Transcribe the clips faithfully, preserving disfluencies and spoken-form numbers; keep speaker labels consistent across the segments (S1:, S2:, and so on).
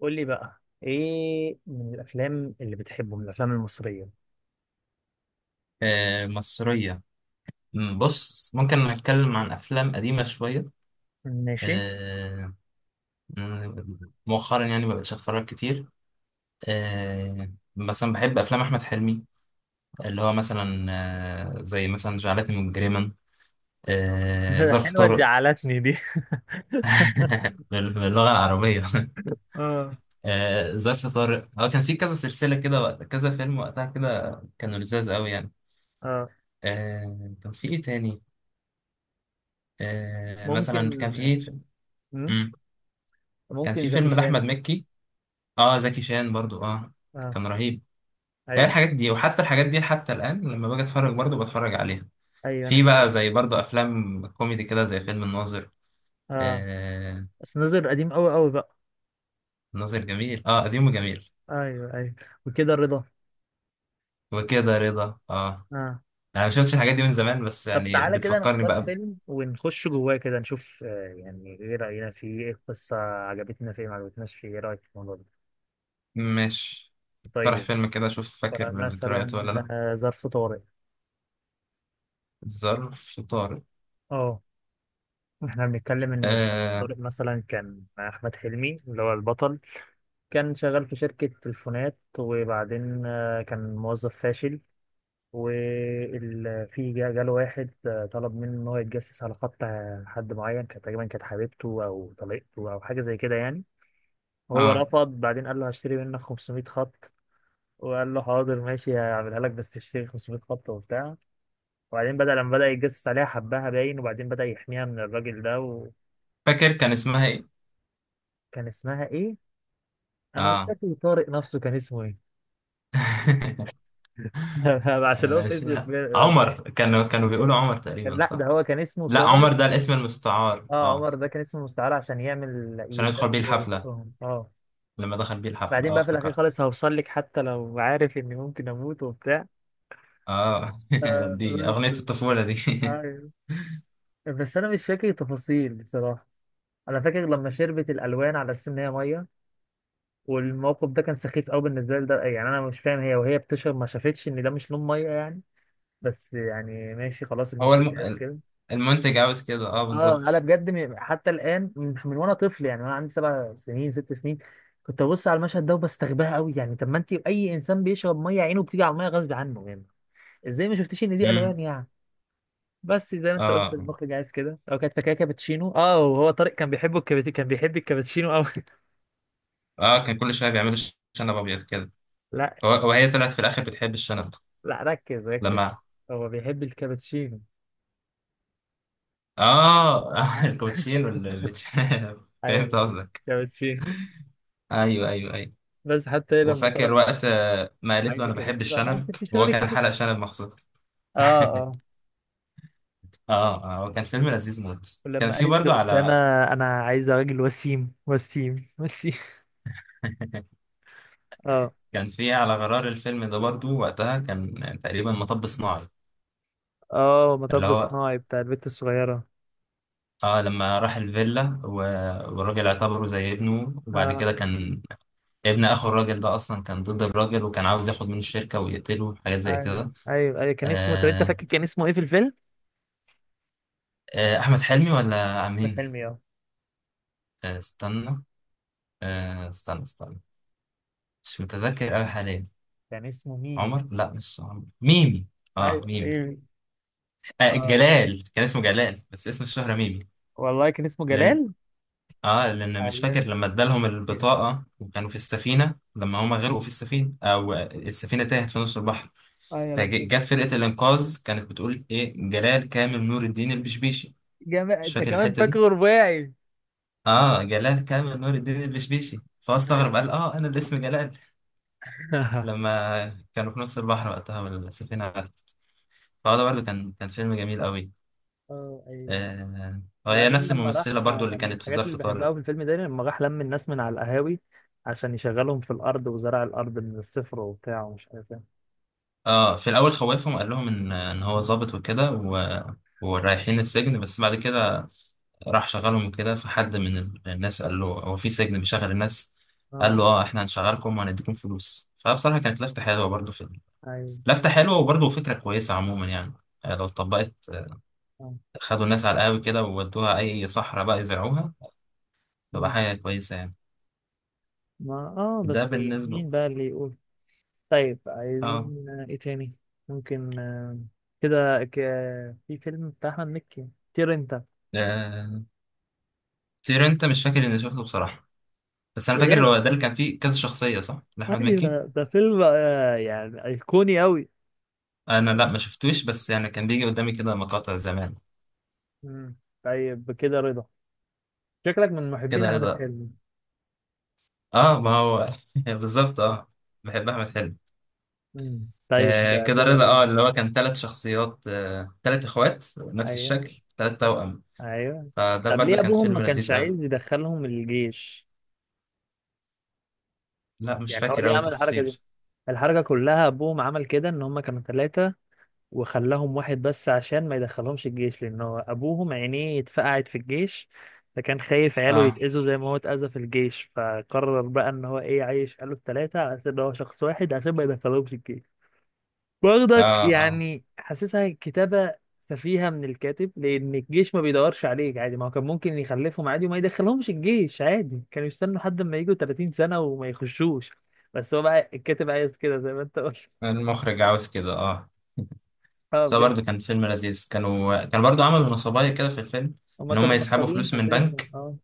S1: قول لي بقى ايه من الافلام اللي بتحبه من الافلام المصريه.
S2: آه، مصرية. مم، بص، ممكن نتكلم عن أفلام قديمة شوية.
S1: ماشي.
S2: آه، مم، مؤخرا يعني ما بقتش أتفرج كتير. آه، مثلا بحب أفلام أحمد حلمي، اللي هو مثلا آه، زي مثلا جعلتني مجرما، آه، ظرف
S1: حلوة
S2: طارق.
S1: زعلتني دي.
S2: بال- باللغة العربية
S1: اه.
S2: آه، ظرف طارق، هو كان في كذا سلسلة كده، وقت كذا فيلم وقتها كده كانوا لذاذ قوي يعني.
S1: اه،
S2: آه، كان في إيه تاني؟ آه، مثلا كان
S1: ممكن.
S2: في.
S1: مم؟
S2: مم، كان
S1: ممكن
S2: في
S1: زكي
S2: فيلم لأحمد
S1: شان.
S2: مكي. اه، زكي شان برضو، اه.
S1: اه،
S2: كان رهيب. هي
S1: ايوه
S2: الحاجات دي، وحتى الحاجات دي حتى الآن، لما باجي اتفرج برضو بتفرج عليها.
S1: ايوه انا
S2: في بقى
S1: كمان.
S2: زي برضو أفلام كوميدي كده، زي فيلم الناظر.
S1: اه
S2: آه.
S1: بس نظر قديم قوي قوي بقى.
S2: الناظر جميل، اه، قديم وجميل.
S1: ايوه ايوه، وكده رضا.
S2: وكده رضا، اه.
S1: اه،
S2: أنا ما شفتش الحاجات دي من زمان، بس
S1: طب
S2: يعني
S1: تعالى كده
S2: بتفكرني
S1: نختار
S2: بقى. ب-
S1: فيلم ونخش جواه كده نشوف، آه، يعني ايه راينا فيه، ايه القصه، عجبتنا فيه ما عجبتناش فيه، ايه رايك في الموضوع ده؟
S2: ماشي. اقترح
S1: طيب،
S2: فيلم كده أشوف فاكر
S1: فمثلا
S2: ذكرياته ولا لأ؟
S1: آه، ظرف طارق.
S2: ظرف طارق.
S1: اه، احنا بنتكلم ان
S2: آه
S1: طارق مثلا كان احمد حلمي اللي هو البطل. كان شغال في شركة تليفونات، وبعدين آه، كان موظف فاشل. وفي جاله واحد آه، طلب منه ان هو يتجسس على خط آه، حد معين، كانت تقريبا كانت حبيبته او طليقته او حاجة زي كده يعني. وهو
S2: اه
S1: رفض، بعدين قال له هشتري منك خمسمائة خط. وقال له حاضر ماشي هعملها لك بس تشتري خمسمية خط وبتاع. وبعدين بدأ لما بدأ يتجسس عليها حبها باين، وبعدين بدأ يحميها من الراجل ده و...
S2: فاكر كان اسمها إيه؟
S1: كان اسمها ايه؟ انا مش
S2: اه.
S1: فاكر طارق نفسه كان اسمه ايه. عشان هو في اسم الفيلم.
S2: عمر، كانوا كانوا بيقولوا
S1: كان،
S2: عمر
S1: كان-
S2: تقريبا،
S1: لا ده
S2: صح؟
S1: هو كان اسمه
S2: لا،
S1: طارق.
S2: عمر ده الاسم المستعار،
S1: اه،
S2: اه.
S1: عمر ده كان اسمه مستعار عشان يعمل
S2: عشان يدخل بيه
S1: يتدس
S2: الحفلة.
S1: وسطهم. اه،
S2: لما دخل بيه الحفلة،
S1: بعدين
S2: اه،
S1: بقى في الاخير
S2: افتكرت.
S1: خالص هوصل لك حتى لو عارف اني ممكن اموت وبتاع،
S2: اه.
S1: آه،
S2: دي أغنية
S1: بس.
S2: الطفولة دي
S1: ايوه، بس انا مش فاكر تفاصيل بصراحه. انا فاكر لما شربت الالوان على اساس ان هي ميه، والموقف ده كان سخيف قوي بالنسبه لي ده، يعني انا مش فاهم، هي وهي بتشرب ما شافتش ان ده مش لون ميه يعني. بس يعني ماشي خلاص
S2: هو
S1: المخرج قاس
S2: الم...
S1: كده.
S2: المنتج عاوز كده، اه،
S1: اه انا
S2: بالظبط.
S1: بجد، م- حتى الان من من وانا طفل يعني، وانا عندي سبع سنين، ست سنين، كنت ببص على المشهد ده وبستغباها قوي، يعني طب ما انت اي انسان بيشرب ميه عينه بتيجي على الميه غصب عنه يعني. ازاي ما شفتيش ان دي
S2: امم.
S1: الوان يعني؟ بس زي ما انت قلت
S2: اه،
S1: المخرج عايز كده، او كانت فاكره كابتشينو. اه، وهو طارق كان بيحبه الكابت... كان بيحب الكابتشينو قوي.
S2: اه، كان كل شوية بيعملوا ش- شنب أبيض كده.
S1: لا،
S2: هو- وهي طلعت في الآخر بتحب الشنب.
S1: لا ركز ركز،
S2: لما.
S1: هو بيحب الكابتشينو.
S2: اه. الكوتشين والبيتش فهمت
S1: ايوه
S2: قصدك.
S1: كابتشينو.
S2: ايوه، ايوه، ايوه.
S1: بس حتى هي لما
S2: وفاكر
S1: طلبت
S2: وقت آه، ما قالت له
S1: عايزه
S2: انا بحب
S1: كابتشينو قال لها انت
S2: الشنب، وهو
S1: بتشربي
S2: كان حلق
S1: كابتشينو.
S2: شنب مخصوص.
S1: اه. آه.
S2: اه، اه، هو كان فيلم لذيذ موت، كان
S1: ولما
S2: في
S1: قالت
S2: برضو
S1: لأسامة
S2: على.
S1: أنا عايزة راجل وسيم وسيم وسيم. اه.
S2: كان في على غرار الفيلم ده برضو، وقتها كان تقريبا مطب صناعي.
S1: اه،
S2: اللي
S1: مطب
S2: هو،
S1: صناعي بتاع البت الصغيرة.
S2: اه، لما راح الفيلا و- والراجل اعتبره زي ابنه، وبعد
S1: اه
S2: كده كان ابن اخو الراجل ده اصلا كان ضد الراجل، وكان عاوز ياخد من الشركة ويقتله، حاجة زي
S1: ايوه
S2: كده.
S1: ايوه ايوه كان اسمه، طب انت
S2: آه،
S1: فاكر كان اسمه ايه في الفيلم؟
S2: آه، احمد حلمي ولا
S1: أحمد
S2: مين؟
S1: حلمي، اه.
S2: آه استنى، آه استنى استنى، مش متذكر قوي حاليا.
S1: كان اسمه ميمي.
S2: عمر، لا، مش عمر، ميمي. اه،
S1: ايوه
S2: ميمي.
S1: ايوه.
S2: آه
S1: اه
S2: جلال، كان اسمه جلال، بس اسم الشهرة ميمي.
S1: والله كان اسمه
S2: لأن
S1: جلال.
S2: اه لأن مش
S1: ايوه
S2: فاكر، لما ادالهم البطاقة وكانوا في السفينة، لما هما غرقوا في السفينة أو السفينة تاهت في نص البحر،
S1: ايوه،
S2: فجت فرقة الإنقاذ كانت بتقول إيه، جلال كامل نور الدين البشبيشي.
S1: جمال،
S2: مش
S1: انت
S2: فاكر
S1: كمان
S2: الحتة دي.
S1: فاكره رباعي.
S2: اه، جلال كامل نور الدين البشبيشي، فهو
S1: ايوه.
S2: استغرب قال اه أنا اللي اسمي جلال. لما كانوا في نص البحر وقتها والسفينة غرقت. فهو ده برضه كان كان فيلم جميل قوي.
S1: اه ايوه.
S2: آه هي
S1: وبعدين
S2: نفس
S1: لما راح،
S2: الممثلة برضو اللي
S1: لما من
S2: كانت في
S1: الحاجات اللي
S2: ظرف طارق.
S1: بحبها في الفيلم ده، لما راح لم الناس من على القهاوي عشان يشغلهم في الأرض وزرع الأرض من الصفر وبتاع ومش عارف ايه.
S2: اه، في الاول خوفهم قال لهم ان ان هو ظابط وكده و... ورايحين السجن، بس بعد كده راح شغلهم كده، فحد من ال- الناس قال له هو في سجن بيشغل الناس.
S1: اه.
S2: قال له اه احنا هنشغلكم وهنديكم فلوس، فبصراحة كانت لفتة حلوة برضو في ال-
S1: ايوه.
S2: لفتة حلوة، وبرضو فكرة كويسة عموما يعني، آه، لو اتطبقت، آه،
S1: اه.
S2: خدوا الناس على القهوة كده وودوها اي صحراء بقى يزرعوها، تبقى
S1: مم.
S2: حاجة كويسة يعني.
S1: ما اه
S2: ده
S1: بس،
S2: بالنسبة.
S1: مين بقى اللي يقول. طيب
S2: اه،
S1: عايزين آه، ايه تاني؟ ممكن آه، كده، ك... في فيلم بتاع أحمد مكي، طير انت.
S2: آه، تير انت مش فاكر اني شفته بصراحة بس انا فاكر
S1: بجد،
S2: هو ده اللي كان فيه كذا شخصية صح لأحمد مكي
S1: ايوه ده فيلم آه، يعني أيقوني أوي.
S2: انا لا ما شفتوش بس يعني كان بيجي قدامي كده مقاطع زمان
S1: مم. طيب كده رضا. شكلك من محبين
S2: كده
S1: أحمد
S2: رضا
S1: حلمي.
S2: اه ما هو بالظبط اه بحب احمد حلمي
S1: مم. طيب
S2: آه
S1: ده
S2: كده
S1: كده
S2: رضا
S1: رضا.
S2: اه اللي هو كان ثلاث شخصيات آه ثلاث اخوات نفس
S1: ايوه
S2: الشكل ثلاث توأم
S1: ايوه.
S2: فده
S1: طب
S2: برضو
S1: ليه
S2: كان
S1: ابوهم ما
S2: فيلم
S1: كانش
S2: لذيذ قوي
S1: عايز يدخلهم الجيش؟
S2: لا مش
S1: يعني هو
S2: فاكر
S1: ليه
S2: قوي
S1: عمل الحركه دي؟
S2: تفاصيل
S1: الحركه كلها ابوهم عمل كده ان هم كانوا ثلاثه، وخلاهم واحد بس عشان ما يدخلهمش الجيش، لان هو ابوهم عينيه اتفقعت في الجيش، فكان خايف عياله
S2: اه
S1: يتأذوا زي ما هو اتأذى في الجيش، فقرر بقى ان هو ايه عايش قاله الثلاثه على اساس ان هو شخص واحد عشان ما يدخلهمش. برضك
S2: اه اه
S1: يعني حاسسها كتابة سفيهة من الكاتب، لأن الجيش ما بيدورش عليك عادي، ما هو كان ممكن يخلفهم عادي وما يدخلهمش الجيش عادي، كانوا يستنوا لحد ما يجوا ثلاثين سنة وما يخشوش. بس هو بقى الكاتب عايز كده زي ما أنت قلت.
S2: المخرج عاوز كده اه
S1: أه
S2: بس هو
S1: بجد.
S2: برضو كان فيلم لذيذ كانوا كان برضو عملوا نصبايا كده في الفيلم
S1: هما
S2: ان هم
S1: كانوا
S2: يسحبوا
S1: نصابين
S2: فلوس من
S1: أساسا،
S2: بنك
S1: أه.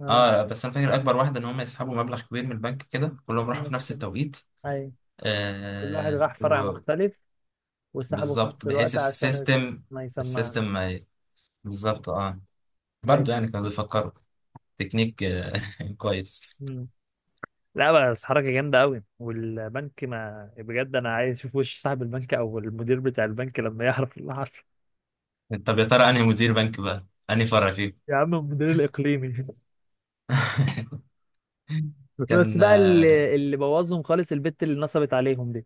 S1: أه،
S2: اه بس انا فاكر اكبر واحده ان هم يسحبوا مبلغ كبير من البنك كده كلهم راحوا في نفس
S1: نفس ال-
S2: التوقيت
S1: أيوة، كل واحد
S2: آه
S1: راح فرع مختلف وسحبه في
S2: وبالظبط
S1: نفس
S2: بحيث
S1: الوقت عشان
S2: السيستم
S1: ما يسمعش.
S2: السيستم ما ي- بالظبط اه
S1: أيوة.
S2: برضه يعني كانوا بيفكروا تكنيك آه كويس
S1: مم. لا بس حركة جامدة قوي، والبنك، ما بجد انا عايز اشوف وش صاحب البنك او المدير بتاع البنك لما يعرف اللي حصل.
S2: طب يا ترى انهي مدير بنك بقى انهي فرع فيكم
S1: يا عم المدير الاقليمي. بس
S2: كان
S1: بقى
S2: اه
S1: اللي, اللي بوظهم خالص البت اللي نصبت عليهم دي.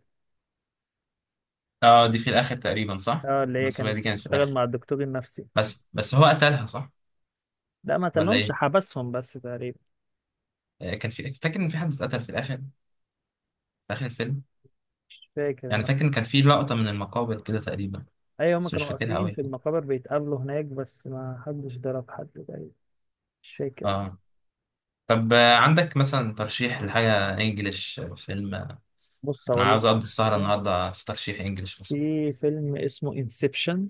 S2: آه، دي في الاخر تقريبا صح
S1: اه اللي هي
S2: المسؤوليه
S1: كانت
S2: دي كانت في
S1: بتشتغل
S2: الاخر
S1: مع الدكتور النفسي.
S2: بس بس هو قتلها صح
S1: لا ما
S2: ولا
S1: قتلهمش،
S2: ايه
S1: حبسهم بس تقريبا.
S2: آه كان في فاكر ان في حد اتقتل في الاخر في اخر الفيلم
S1: مش فاكر
S2: يعني
S1: انا.
S2: فاكر إن كان في لقطه من المقابر كده تقريبا
S1: ايوه هما
S2: بس مش
S1: كانوا
S2: فاكرها
S1: واقفين
S2: قوي
S1: في المقابر بيتقابلوا هناك بس ما حدش ضرب حد تقريبا. مش فاكر.
S2: اه طب آه، عندك مثلا ترشيح لحاجة انجليش فيلم؟ آه،
S1: بص
S2: انا
S1: اقول لك
S2: عاوز اقضي
S1: على
S2: السهرة
S1: حاجه،
S2: النهاردة في ترشيح انجليش مثلا.
S1: في فيلم اسمه انسبشن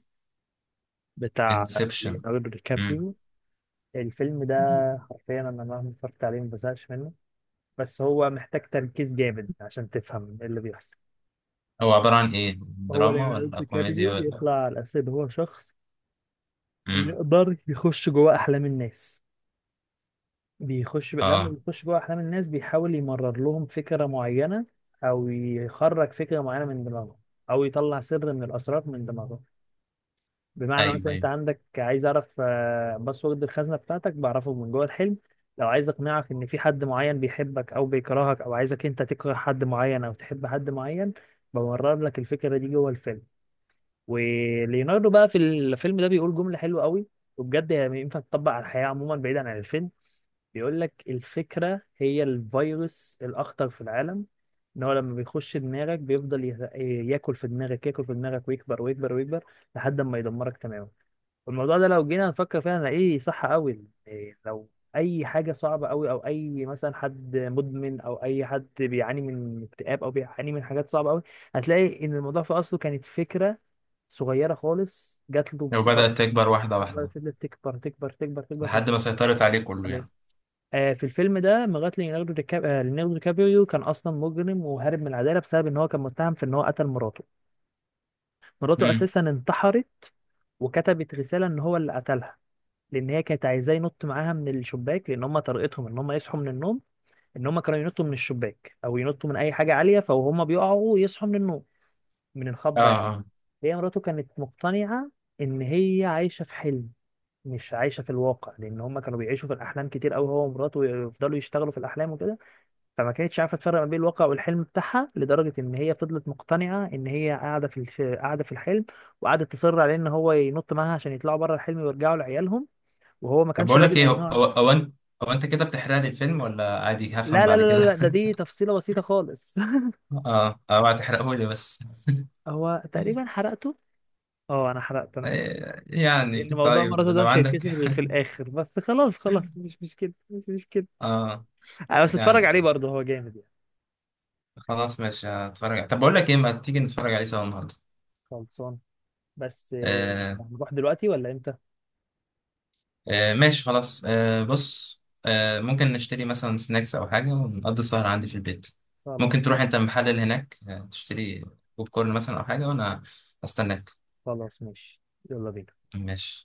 S1: بتاع
S2: انسبشن.
S1: ليوناردو دي
S2: امم.
S1: كابريو. الفيلم ده حرفيا انا مهما اتفرجت عليه ما بزهقش منه، بس هو محتاج تركيز جامد عشان تفهم ايه اللي بيحصل.
S2: هو عبارة عن ايه،
S1: هو
S2: دراما
S1: ليوناردو
S2: ولا
S1: دي
S2: كوميديا
S1: كابريو
S2: ولا؟
S1: بيطلع على اساس ان هو شخص
S2: امم.
S1: بيقدر يخش جوه احلام الناس. بيخش، لما
S2: اه،
S1: بيخش جوه احلام الناس بيحاول يمرر لهم فكرة معينة، او يخرج فكرة معينة من دماغهم، او يطلع سر من الاسرار من دماغهم. بمعنى
S2: ايوه،
S1: مثلا انت
S2: ايوه.
S1: عندك، عايز اعرف آه، باسورد الخزنه بتاعتك، بعرفه من جوه الحلم. لو عايز اقنعك ان في حد معين بيحبك او بيكرهك، او عايزك انت تكره حد معين او تحب حد معين، بمرر لك الفكره دي جوه الفيلم. وليوناردو بقى في الفيلم ده بيقول جمله حلوه قوي، وبجد هي ينفع تطبق على الحياه عموما بعيدا عن الفيلم. بيقول لك الفكره هي الفيروس الاخطر في العالم. ان هو لما بيخش دماغك بيفضل يه- ياكل في دماغك، ياكل في دماغك، ويكبر ويكبر ويكبر لحد ما يدمرك تماما. الموضوع ده لو جينا نفكر فيها هنلاقيه صح قوي، إيه، لو اي حاجه صعبه قوي، او اي مثلا حد مدمن او اي حد بيعاني من اكتئاب او بيعاني من حاجات صعبه قوي، هتلاقي ان الموضوع في اصله كانت فكره صغيره خالص جات له
S2: لو
S1: بصفه،
S2: بدأت تكبر واحدة واحدة.
S1: فضلت تكبر تكبر تكبر تكبر في
S2: لحد ما سيطرت عليه كله
S1: عليه.
S2: يعني.
S1: آه، في الفيلم ده لغايه ليوناردو دي كاب- آه، ليوناردو دي كابريو كان اصلا مجرم وهارب من العداله بسبب ان هو كان متهم في ان هو قتل مراته. مراته
S2: امم.
S1: اساسا انتحرت وكتبت رساله ان هو اللي قتلها، لان هي كانت عايزاه ينط معاها من الشباك، لان هم طريقتهم ان هم يصحوا من النوم، ان هم كانوا ينطوا من الشباك او ينطوا من اي حاجه عاليه فهم بيقعوا يصحوا من النوم من
S2: اه،
S1: الخضه يعني.
S2: اه،
S1: هي مراته كانت مقتنعه ان هي عايشه في حلم مش عايشه في الواقع، لان هم كانوا بيعيشوا في الاحلام كتير قوي، هو ومراته يفضلوا يشتغلوا في الاحلام وكده. فما كانتش عارفه تفرق ما بين الواقع والحلم بتاعها، لدرجه ان هي فضلت مقتنعه ان هي قاعده في الش- قاعده في الحلم. وقعدت تصر عليه ان هو ينط معاها عشان يطلعوا بره الحلم ويرجعوا لعيالهم، وهو ما
S2: طب
S1: كانش
S2: بقول
S1: راضي
S2: لك ايه، هو
S1: لان هو،
S2: هو هو انت هو انت كده بتحرق لي الفيلم ولا عادي هفهم
S1: لا لا
S2: بعد
S1: لا
S2: كده؟
S1: لا ده دي تفصيلة بسيطة خالص.
S2: اه، اوعى تحرقه لي بس.
S1: هو تقريبا حرقته. اه انا حرقته، انا اسف.
S2: إيه، يعني
S1: لان موضوع
S2: طيب
S1: مراته ده
S2: لو
S1: مش
S2: عندك
S1: هيتكشف غير في الاخر، بس خلاص خلاص، مش مش كده مش مش كده.
S2: اه،
S1: انا بس اتفرج
S2: يعني
S1: عليه برضه هو جامد يعني.
S2: خلاص ماشي هتفرج، طب بقول لك ايه، ما تيجي نتفرج عليه سوا النهارده.
S1: خلصان. بس آه،
S2: آه،
S1: هنروح دلوقتي ولا امتى؟
S2: آه، ماشي خلاص، آه بص، آه ممكن نشتري مثلا سناكس او حاجه، ونقضي السهر عندي في البيت.
S1: خلاص.
S2: ممكن تروح انت المحل اللي هناك، آه، تشتري بوب كورن مثلا او حاجه، وانا استناك.
S1: خلاص ماشي. يلا بينا.
S2: ماشي.